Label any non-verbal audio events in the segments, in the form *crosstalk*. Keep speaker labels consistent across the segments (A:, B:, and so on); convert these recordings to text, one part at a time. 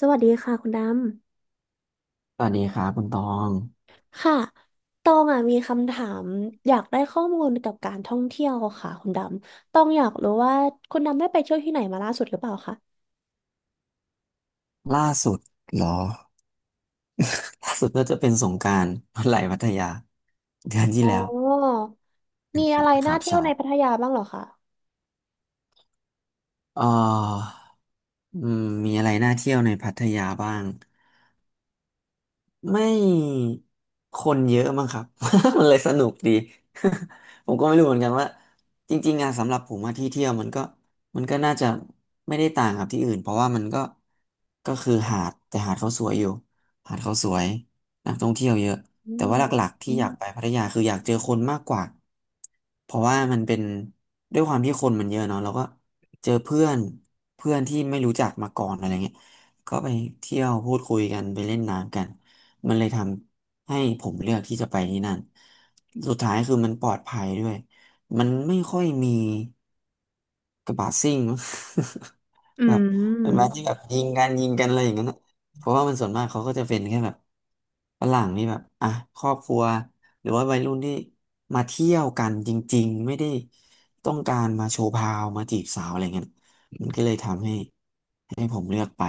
A: สวัสดีค่ะคุณด
B: สวัสดีครับคุณตอง
A: ำค่ะตองอ่ะมีคำถามอยากได้ข้อมูลกับการท่องเที่ยวค่ะคุณดำตองอยากรู้ว่าคุณดำได้ไปเที่ยวที่ไหนมาล่าสุดหรือเปล่าคะ
B: ล่าสุดเหรอล่าสุดน่าจะเป็นสงกรานต์ *laughs* วันไหลพัทยาเดือนที่
A: อ๋อ
B: แล้ว
A: มีอะไร
B: ค
A: น่า
B: รับ
A: เที่ยว
B: ใช่
A: ในพัทยาบ้างเหรอคะ
B: เอ่ออืมมีอะไรน่าเที่ยวในพัทยาบ้าง ไม่คนเยอะมั้งครับ *laughs* มันเลยสนุกดี *laughs* ผมก็ไม่รู้เหมือนกันว่าจริงๆอะสำหรับผมอะที่เที่ยวมันก็น่าจะไม่ได้ต่างกับที่อื่นเพราะว่ามันก็ก็คือหาดแต่หาดเขาสวยอยู่หาดเขาสวยนักท่องเที่ยวเยอะ
A: อื
B: แต่ว่าหลัก
A: ม
B: ๆที่อือยามกมไปพัทยาคืออยากเจอคนมากกว่าเพราะว่ามันเป็นด้วยความที่คนมันเยอะเนาะเราก็เจอเพื่อนเพื่อนที่ไม่รู้จักมาก่อนอะไรเงี้ยก็ไปเที่ยวพูดคุยกันไปเล่นน้ำกัน มันเลยทำให้ผมเลือกที่จะไปที่นั่น สุดท้ายคือมันปลอดภัยด้วย มันไม่ค่อยมีกระบะซิ่ง
A: อื
B: *laughs* แบบเป็นแบา
A: ม
B: ที่แบบยิงกันยิงกันอะไรอย่างนั้นน่ะเพราะว่ามันส่วนมากเขาก็จะเป็นแค่แบบฝรั่งนี่แบบอ่ะครอบครัวหรือว่าวัยรุ่นที่มาเที่ยวกันจริงๆไม่ได้ต้องการมาโชว์พาวมาจีบสาวอะไรเงี้ยมันก็เลยทำให้ผมเลือกไป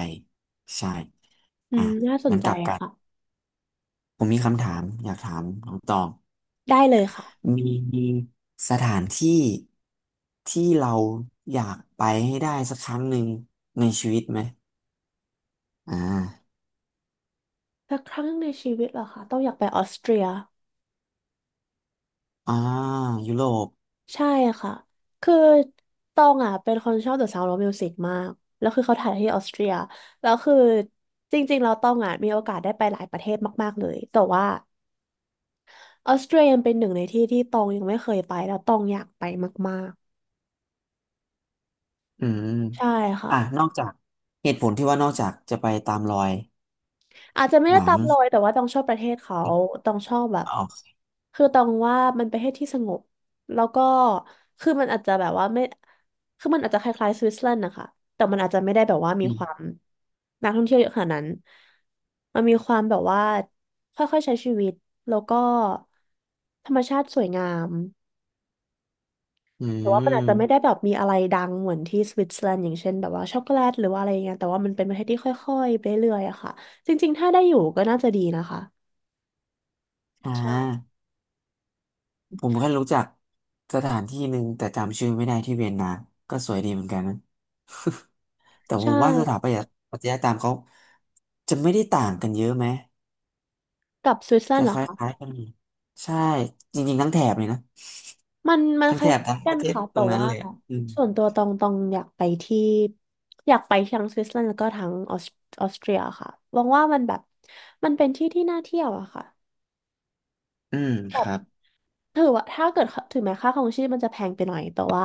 B: ใช่
A: อื
B: อ่ะ
A: มน่าสน
B: งั้น
A: ใจ
B: กลับกัน
A: ค่ะ
B: ผมมีคำถามอยากถามน้องตอง
A: ได้เลยค่ะ
B: มีมีสถานที่ที่เราอยากไปให้ได้สักครั้งหนึ่งในชีวิตไหมอ่า
A: สักครั้งในชีวิตเหรอคะต้องอยากไปออสเตรีย
B: อ่ายุโรป
A: ใช่ค่ะ คือตองอ่ะเป็นคนชอบ The Sound of Music มาก แล้วคือเขาถ่ายที่ออสเตรียแล้วคือจริงๆเราตองอ่ะมีโอกาสได้ไปหลายประเทศมากๆเลยแต่ว่าออสเตรียยังเป็นหนึ่งในที่ที่ตองยังไม่เคยไปแล้วตองอยากไปมาก
B: อืม
A: ๆ ใช่ค่ะ
B: อ่ะนอกจากเหตุผลที่ว่านอกจากจะไปตามรอย
A: อาจจะไม่
B: ห
A: ได้
B: นั
A: ตา
B: ง
A: มรอยแต่ว่าต้องชอบประเทศเขาต้องชอบแบบ
B: ออก
A: คือต้องว่ามันประเทศที่สงบแล้วก็คือมันอาจจะแบบว่าไม่คือมันอาจจะคล้ายๆสวิตเซอร์แลนด์นะคะแต่มันอาจจะไม่ได้แบบว่ามี
B: อื
A: ความ
B: ม
A: นักท่องเที่ยวเยอะขนาดนั้นมันมีความแบบว่าค่อยๆใช้ชีวิตแล้วก็ธรรมชาติสวยงาม
B: อื
A: แต่ว่ามันอาจจะไม่ได้
B: ม
A: แบบมีอะไรดังเหมือนที่สวิตเซอร์แลนด์อย่างเช่นแบบว่าช็อกโกแลตหรือว่าอะไรอย่างเงี้ยแต่ว่ามันเป็นประเทศที่ค่อยๆไปเรื่อยๆอะค่ะจริงๆถ้าได้อยู่ก็น่าจะดีนะคะ
B: อ่
A: ใช่
B: าผมแค่รู้จักสถานที่หนึ่งแต่จำชื่อไม่ได้ที่เวียนนาก็สวยดีเหมือนกันนะ แต่ผ
A: ใช่
B: มว่าสถาปัตยปรัตยกรรมเขาจะไม่ได้ต่างกันเยอะไหม
A: กับสวิตเซอร์แลน
B: จะ
A: ด์เหร
B: ค
A: อ
B: ล้า
A: คะ
B: ยๆกันอยู่ใช่จริงๆทั้งแถบเลยนะ
A: มัน
B: ทั้ง
A: ค
B: แถ
A: ล้าย
B: บทั้ง
A: กั
B: ประ
A: น
B: เทศ
A: ค่ะ
B: ต
A: แต่
B: รงนั้น
A: ว่า
B: เลยอะอืม
A: ส่วนตัวตองอยากไปที่อยากไปทั้งสวิตเซอร์แลนด์แล้วก็ทั้งออสเตรียค่ะมองว่ามันแบบมันเป็นที่ที่น่าเที่ยวอะค่ะ
B: อืม
A: แบ
B: ค
A: บ
B: รับ
A: ถือว่าถ้าเกิดถึงแม้ค่าครองชีพมันจะแพงไปหน่อยแต่ว่า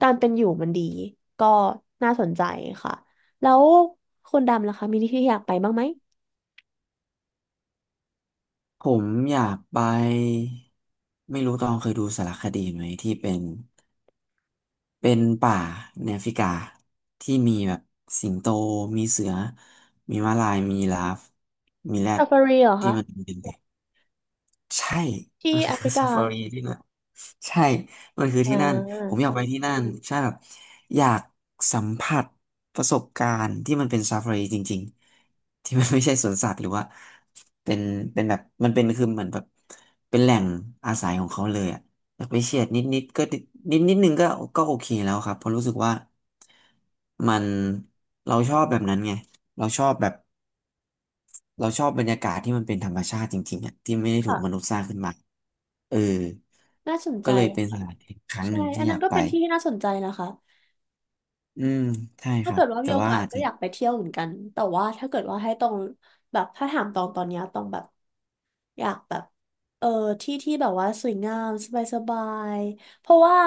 A: การเป็นอยู่มันดีก็น่าสนใจค่ะแล้วคุณดำล่ะคะมีที่ที่อยากไปบ้างไหม
B: ผมอยากไปไม่รู้ตองเคยดูสารคดีไหมที่เป็นป่าในแอฟริกาที่มีแบบสิงโตมีเสือมีม้าลายมียีราฟมีแรด
A: ซาฟารีเหรอ
B: ที่
A: คะ
B: มันเป็นแบบใช่มั
A: ที่
B: น
A: แอฟ
B: คือ
A: ริ
B: *laughs* ซา
A: กา
B: ฟารีที่นั่น ใช่ มันคือ
A: อ่
B: ที่นั่น ผม
A: า
B: อยากไปที่นั่นใช่แบบอยากสัมผัสประสบการณ์ที่มันเป็นซาฟารีจริงๆ ที่มันไม่ใช่สวนสัตว์หรือว่าเป็นแบบมันเป็นคือเหมือนแบบเป็นแหล่งอาศัยของเขาเลยอะอยากไปเฉียดนิดนิดก็นิดนิดนึงก็ก็โอเคแล้วครับเพราะรู้สึกว่ามันเราชอบแบบนั้นไงเราชอบแบบ เราชอบบรรยากาศที่มันเป็นธรรมชาติจริงๆอ่ะที่ไม่ได้ถู
A: ค่ะ
B: กมนุษย์สร้างขึ้นมาเออ
A: น่าสนใจ
B: ก็เลยเป็นสถานที่ครั้งห
A: ใช่
B: นึ่ง
A: อั
B: ที่
A: น
B: อ
A: นั้น
B: ยาก
A: ก็
B: ไป
A: เป็นที่ที่น่าสนใจนะคะ
B: อืมใช่ค
A: ถ้า
B: รั
A: เกิ
B: บ
A: ดว่ามี
B: แต่
A: โอ
B: ว่า
A: กาส
B: อาจ
A: ก็
B: จะ
A: อยากไปเที่ยวเหมือนกัน แต่ว่าถ้าเกิดว่าให้ตรงแบบถ้าถามตองตอนเนี้ยตองแบบอยากแบบเออที่ที่แบบว่าสวยงามสบายสบายเพราะว่า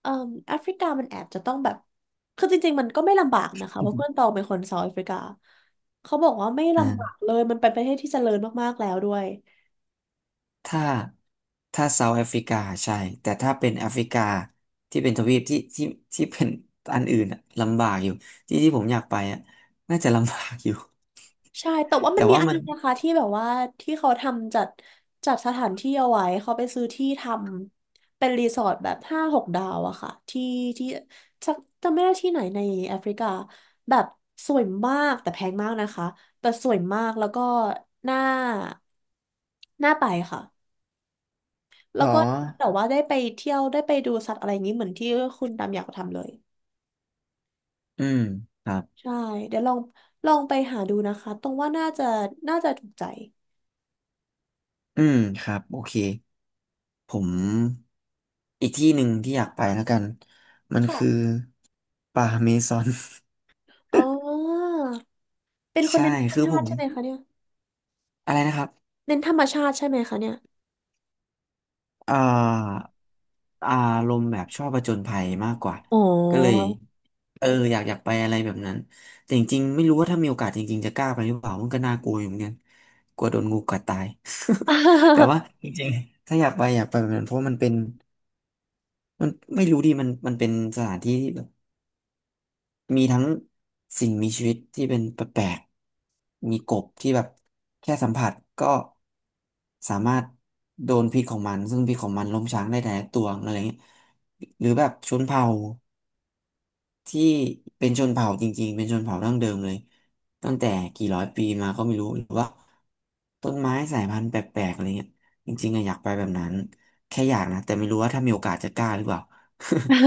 A: เอ่อแอฟริกามันแอบจะต้องแบบคือจริงๆมันก็ไม่ลำบากนะคะเพราะเพื่อนตอ
B: *laughs*
A: งเป็นคนเซาท์แอฟริกาเขาบอกว่าไม่ลำบาก
B: อ่า
A: เลยมันเป็นประเทศที่เจริญมากๆแล้วด้วย
B: ถ้าเซาท์แอฟริกาใช่ แต่ถ้าเป็นแอฟริกาที่เป็นทวีปที่ที่เป็นอันอื่นอะลำบากอยู่ที่ที่ผมอยากไปอะน่าจะลำบากอยู่
A: ใช่แต่ว่า
B: แต่
A: มันมี
B: ว่า
A: อัน
B: มัน
A: นึงนะคะที่แบบว่าที่เขาทำจัดสถานที่เอาไว้เขาไปซื้อที่ทำเป็นรีสอร์ทแบบห้าหกดาวอะค่ะที่ที่สักจำไม่ได้ที่ไหนในแอฟริกาแบบสวยมากแต่แพงมากนะคะแต่สวยมากแล้วก็น่าน่าไปค่ะแล้
B: หร
A: ว
B: อ
A: ก็แต่ว่าได้ไปเที่ยวได้ไปดูสัตว์อะไรอย่างนี้เหมือนที่คุณดำอยากทำเลย
B: อืมครับ
A: ใช่เดี๋ยวลองไปหาดูนะคะตรงว่าน่าจะน่าจะถูกใจ
B: อืมครับ โอเค ผมอีกที่หนึ่งที่อยากไปแล้วกันมันคือ
A: ค่ะ
B: ป่าเมซอน *laughs*
A: อ๋อ เป็นคน
B: ใช่
A: เน้น
B: คือ
A: ธร
B: ผ
A: รมชาติ
B: ม
A: ใช่ไหมคะเนี่ย
B: อะไรนะครับ
A: เน้นธรรมชาติใช่ไหมคะเนี่ย
B: เอ่าอารมณ์แบบชอบผจญภัยมากกว่า
A: อ๋อ
B: ก็เลยเอออยากอยากไปอะไรแบบนั้นแต่จริงๆไม่รู้ว่าถ้ามีโอกาสจริงๆจะกล้าไปหรือเปล่ามันก็น่ากลัวอยู่เหมือนกันกลัวโดนงูกัดตาย *laughs* แต่
A: *laughs*
B: ว่าจริงๆถ้าอยากไปอยากไปแบบนั้นเพราะมันเป็นมันไม่รู้ดิมันเป็นสถานที่ มีทั้งสิ่งมีชีวิตที่เป็นแปลกๆมีกบที่แบบแค่สัมผัสก็สามารถโดนพิษของมันซึ่งพิษของมันล้มช้างได้แต่ละตัวอะไรเงี้ยหรือแบบชนเผ่า ที่เป็นชนเผ่าจริงๆ เป็นชนเผ่าดั้งเดิมเลยตั้งแต่กี่ร้อยปีมาก็ไม่รู้หรือว่าต้นไม้สายพันธุ์แปลกๆอะไรเงี้ยจริงๆอะอยากไปแบบนั้นแค่อยากนะแต่ไม่รู้ว่าถ้ามีโอกาสจะกล้าหรือเปล่า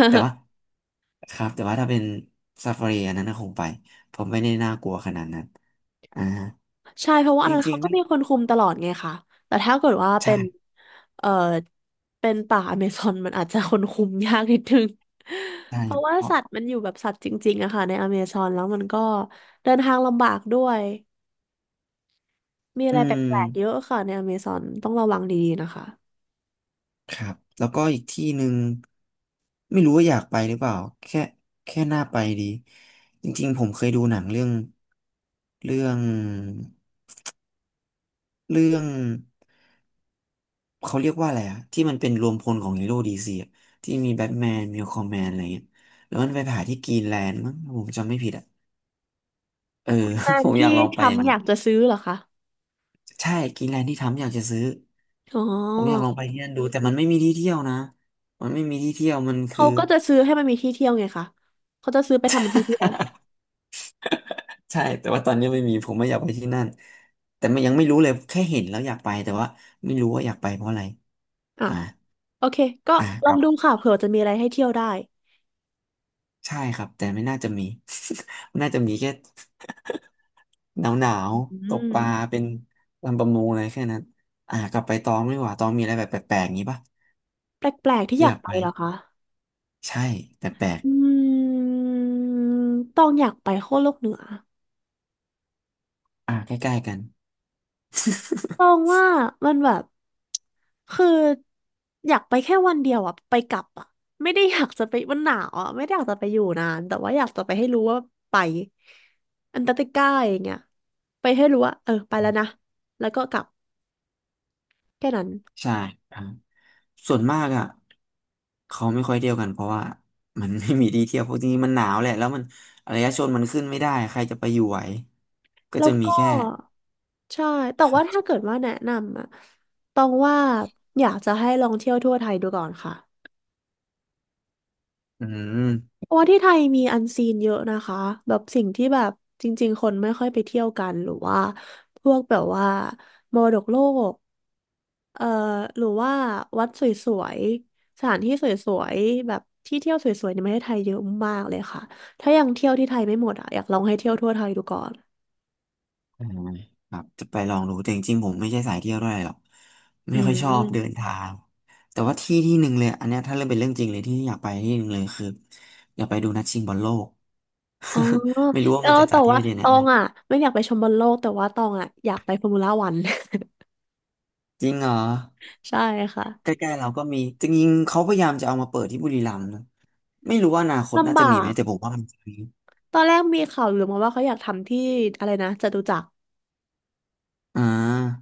B: *laughs* แต่ว่าครับแต่ว่าถ้าเป็นซาฟารีอันนั้นน่ะคงไปผมไม่ได้น่ากลัวขนาดนั้นอ่า
A: ใช่เพราะว่า
B: จ
A: อัน
B: ร
A: นั้น
B: ิ
A: เขา
B: งๆ
A: ก็
B: นะ
A: มีคนคุมตลอดไงคะแต่ถ้าเกิดว่าเป็
B: ใช่
A: นเอ่อเป็นป่าอเมซอนมันอาจจะคนคุมยากนิดนึง
B: ใช
A: *laughs* เพราะว่า
B: ่
A: สัตว์มันอยู่แบบสัตว์จริงๆอะค่ะในอเมซอนแล้วมันก็เดินทางลำบากด้วยมีอะ
B: อื
A: ไรแป
B: ม
A: ลกๆเยอะค่ะในอเมซอนต้องระวังดีๆนะคะ
B: ครับแล้วก็อีกที่หนึ่งไม่รู้ว่าอยากไปหรือเปล่าแค่น่าไปดีจริงๆผมเคยดูหนังเรื่องเรื่องเรื่องเขาเรียกว่าอะไรอะที่มันเป็นรวมพลของฮีโร่ดีซีที่มีแบทแมนมีคอมแมนอะไรเงี้ยแล้วมันไปผ่าที่กรีนแลนด์มั้งาผมจำไม่ผิดอะเออ
A: ตา
B: *laughs* ผ
A: ม
B: มอ
A: ที่
B: ยากลอง
A: ท
B: ไป
A: รั
B: อ
A: ม
B: ย่า
A: ป์
B: ง
A: อ
B: นี้
A: ยาก
B: น
A: จะซื้อเหรอคะ
B: ใช่กรีนแลนด์ที่ทำอยากจะซื้อ
A: อ๋
B: ผมอยากล
A: อ
B: องไปที่นั่นดูแต่มันไม่มีที่เที่ยวนะมันไม่มีที่เที่ยวมันคื
A: เขา
B: อ
A: ก็จะซื้อให้มันมีที่เที่ยวไงคะเขาจะซื้อไปทำเป็นที่เที่ยว
B: *laughs* ใช่แต่ว่าตอนนี้ไม่มีผมไม่อยากไปที่นั่นแต่มันยังไม่รู้เลยแค่เห็นแล้วอยากไปแต่ว่าไม่รู้ว่าอยากไปเพราะอะไร
A: อ่ะ
B: อ่า
A: โอเค ก็
B: อ่า
A: ล
B: ค
A: อง
B: รับ
A: ดูค่ะเผื่อจะมีอะไรให้เที่ยวได้
B: ใช่ครับแต่ไม่น่าจะมี *laughs* มันน่าจะมีแค่หนาวหนาว
A: อื
B: ตกปลา
A: ม
B: เป็นลำประมงอะไรแค่นั้นอ่ากลับไปตองดี่ว่าตองมีอะไรแบบแปลกๆอย่างนี้ปะ
A: แปลกๆ ที่อ
B: ที่อ
A: ยาก
B: ยาก
A: ไป
B: ไป
A: เหรอคะ
B: ใช่แปลก
A: อืมต้องอยากไปขั้วโลกเหนือ
B: ๆอ่าใกล้ๆกัน
A: ต้องว่ามันแบบคืออยากไปแค่วันเดียวอะไปกลับอะไม่ได้อยากจะไปมันหนาวอะไม่ได้อยากจะไปอยู่นานแต่ว่าอยากจะไปให้รู้ว่าไปอันตาร์กติกาอย่างเงี้ยไปให้รู้ว่าเออไปแล้ว
B: *laughs*
A: นะแล้วก็กลับแค่นั้น
B: ใช่ครับส่วนมากอ่ะเขาไม่ค่อยเที่ยวกันเพราะว่ามันไม่มีที่เที่ยวเพราะจริงๆมันหนาวแหละแล้วมันอารยชนมันขึ้นไม่ได้ใครจะไปอยู่ไหวก็
A: แล้ว
B: จะมี
A: ก็
B: แค่
A: ใช่ แต่
B: ครั
A: ว่าถ้า
B: บ
A: เกิดว่าแนะนำอะต้องว่าอยากจะให้ลองเที่ยวทั่วไทยดูก่อนค่ะ
B: อืม
A: เพราะว่าที่ไทยมีอันซีนเยอะนะคะ แบบสิ่งที่แบบจริงๆคนไม่ค่อยไปเที่ยวกันหรือว่าพวกแบบว่ามรดกโลกเอ่อหรือว่าวัดสวยๆสถานที่สวยๆแบบที่เที่ยวสวยๆในประเทศไทยเยอะมากเลยค่ะถ้ายังเที่ยวที่ไทยไม่หมดอ่ะอยากลองให้เที่ยวทั่วไทยดูก่อน
B: อ่าครับจะไปลองดูแต่จริงๆผมไม่ใช่สายเที่ยวด้วยหรอก
A: อื
B: ไม่ค่อยชอบเดิน
A: ม
B: ทางแต่ว่าที่ที่หนึ่งเลยอันเนี้ยถ้าเริ่มเป็นเรื่องจริงเลยที่อยากไปที่หนึ่งเลยคืออยากไปดูนัดชิงบอลโลก
A: อ๋อ
B: *laughs* ไม่รู้ว่า
A: แล้
B: มัน
A: ว
B: จะจั
A: แต่
B: ดที่
A: ว่า
B: ประเทศไหน
A: ตอง
B: นะ
A: อ่ะไม่อยากไปชมบอลโลกแต่ว่าตองอ่ะอยากไปฟอร์มูล่าวัน
B: จริงเหรอ
A: *laughs* ใช่
B: ใก
A: ค่ะ
B: ล้ๆเราก็มีจริงๆเขาพยายามจะเอามาเปิดที่บุรีรัมย์นะไม่รู้ว่าอนาคตน่า
A: ลำ
B: จะ
A: บา
B: มีไหม
A: ก
B: แต่ผมว่ามันจะมี
A: ตอนแรกมีข่าวลือมาว่าเขาอยากทำที่อะไรนะจตุจักร
B: อ่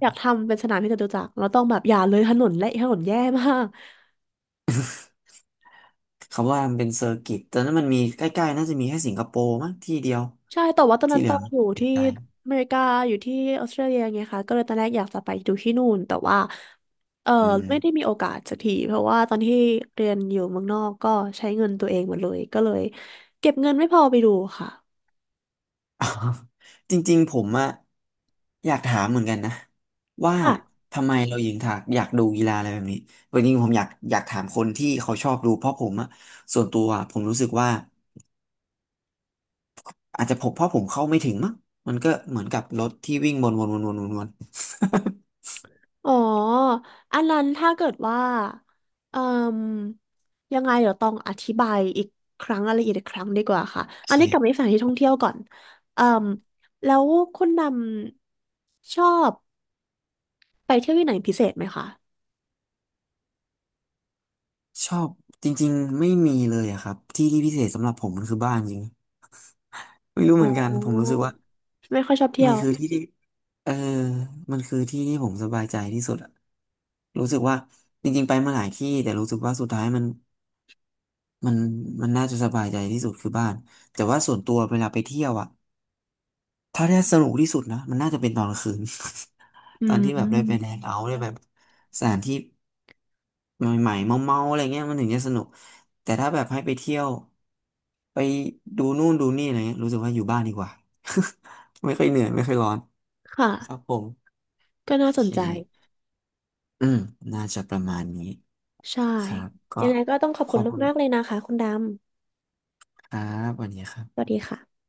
A: อยากทำเป็นสนามที่จตุจักรแล้วต้องแบบอย่าเลยถนนและถนนแย่มาก *laughs*
B: เขาว่ามันเป็นเซอร์กิตแต่นั้นมันมีใกล้ๆน่าจะมีแค่สิงคโปร์มั้งที่เดียว
A: ใช่แต่ว่าตอน
B: ที่
A: นั้น
B: เหลื
A: ต้
B: อ
A: อง
B: *laughs* ไ
A: อยู่
B: ม่
A: ที่
B: ไกล
A: อเมริกาอยู่ที่ออสเตรเลียไงคะก็เลยตอนแรกอยากจะไปดูที่นู่นแต่ว่าเออ
B: อื
A: ไม่
B: ม
A: ได้มีโอกาสสักทีเพราะว่าตอนที่เรียนอยู่เมืองนอกก็ใช้เงินตัวเองหมดเลยก็เลยเก็บเงินไม่พอไปดูค่ะ
B: อ๋อจริงๆผมอะอยากถามเหมือนกันนะว่า
A: ค่ะ
B: ทำไมเรายิงถากอยากดูกีฬาอะไรแบบนี้จริงๆผมอยากถามคนที่เขาชอบดูเพราะผมอะส่วนตัวอะผมรู้สึกว่า อาจจะผมเพราะผมเข้าไม่ถึงมั้งมันก็เหมือนกับรถที่วิ่งวนวนวนวนวนวน
A: อ๋อ อันนั้นถ้าเกิดว่าเอ่มยังไงเดี๋ยวต้องอธิบายอีกครั้งรายละเอียดอีกครั้งดีกว่าค่ะ
B: *laughs* โอ
A: อัน
B: เค
A: นี้กลับไปสถานที่ท่องเที่ยวก่อนเอ่มแล้วคุณดำชอบไปเที่ยวที่ไหนพิเศษไหมคะ
B: ชอบจริงๆไม่มีเลยอะครับที่ที่พิเศษสำหรับผมมันคือบ้านจริงไม่รู้เห
A: อ๋
B: มือนกันผมรู้
A: อ
B: สึกว่า
A: ไม่ค่อยชอบเที่
B: มั
A: ย
B: น
A: ว
B: คือที่ที่เออมันคือที่ที่ผมสบายใจที่สุดอะรู้สึกว่าจริงๆไปมาหลายที่แต่รู้สึกว่าสุดท้ายมันมันน่าจะสบายใจที่สุดคือบ้านแต่ว่าส่วนตัวเวลาไปเที่ยวอะถ้าได้สนุกที่สุดนะมันน่าจะเป็นตอนกลางคืน
A: อื
B: ตอน
A: ม
B: ที่แบบได้ไปแดงเอาท์ได้แบบสถานที่ใหม่ๆเมาๆอะไรเงี้ยมันถึงจะสนุกแต่ถ้าแบบให้ไปเที่ยวไปดูนู่นดูนี่อะไรเงี้ยรู้สึกว่าอยู่บ้านดีกว่า *laughs* ไม่ค่อยเหนื่อยไม่ค่อยร้อน
A: ค่ะ
B: ครับผม
A: ก็
B: โอ
A: น่าส
B: เค
A: นใจ
B: อืมน่าจะประมาณนี้
A: ใช่
B: ครับก็
A: ยังไงก็ต้องขอบ
B: ข
A: คุ
B: อ
A: ณ
B: บคุณ
A: มาก ๆ เลยนะคะคุณดำ
B: ครับวันนี้ครั
A: สวัส
B: บ
A: ดีค่ะ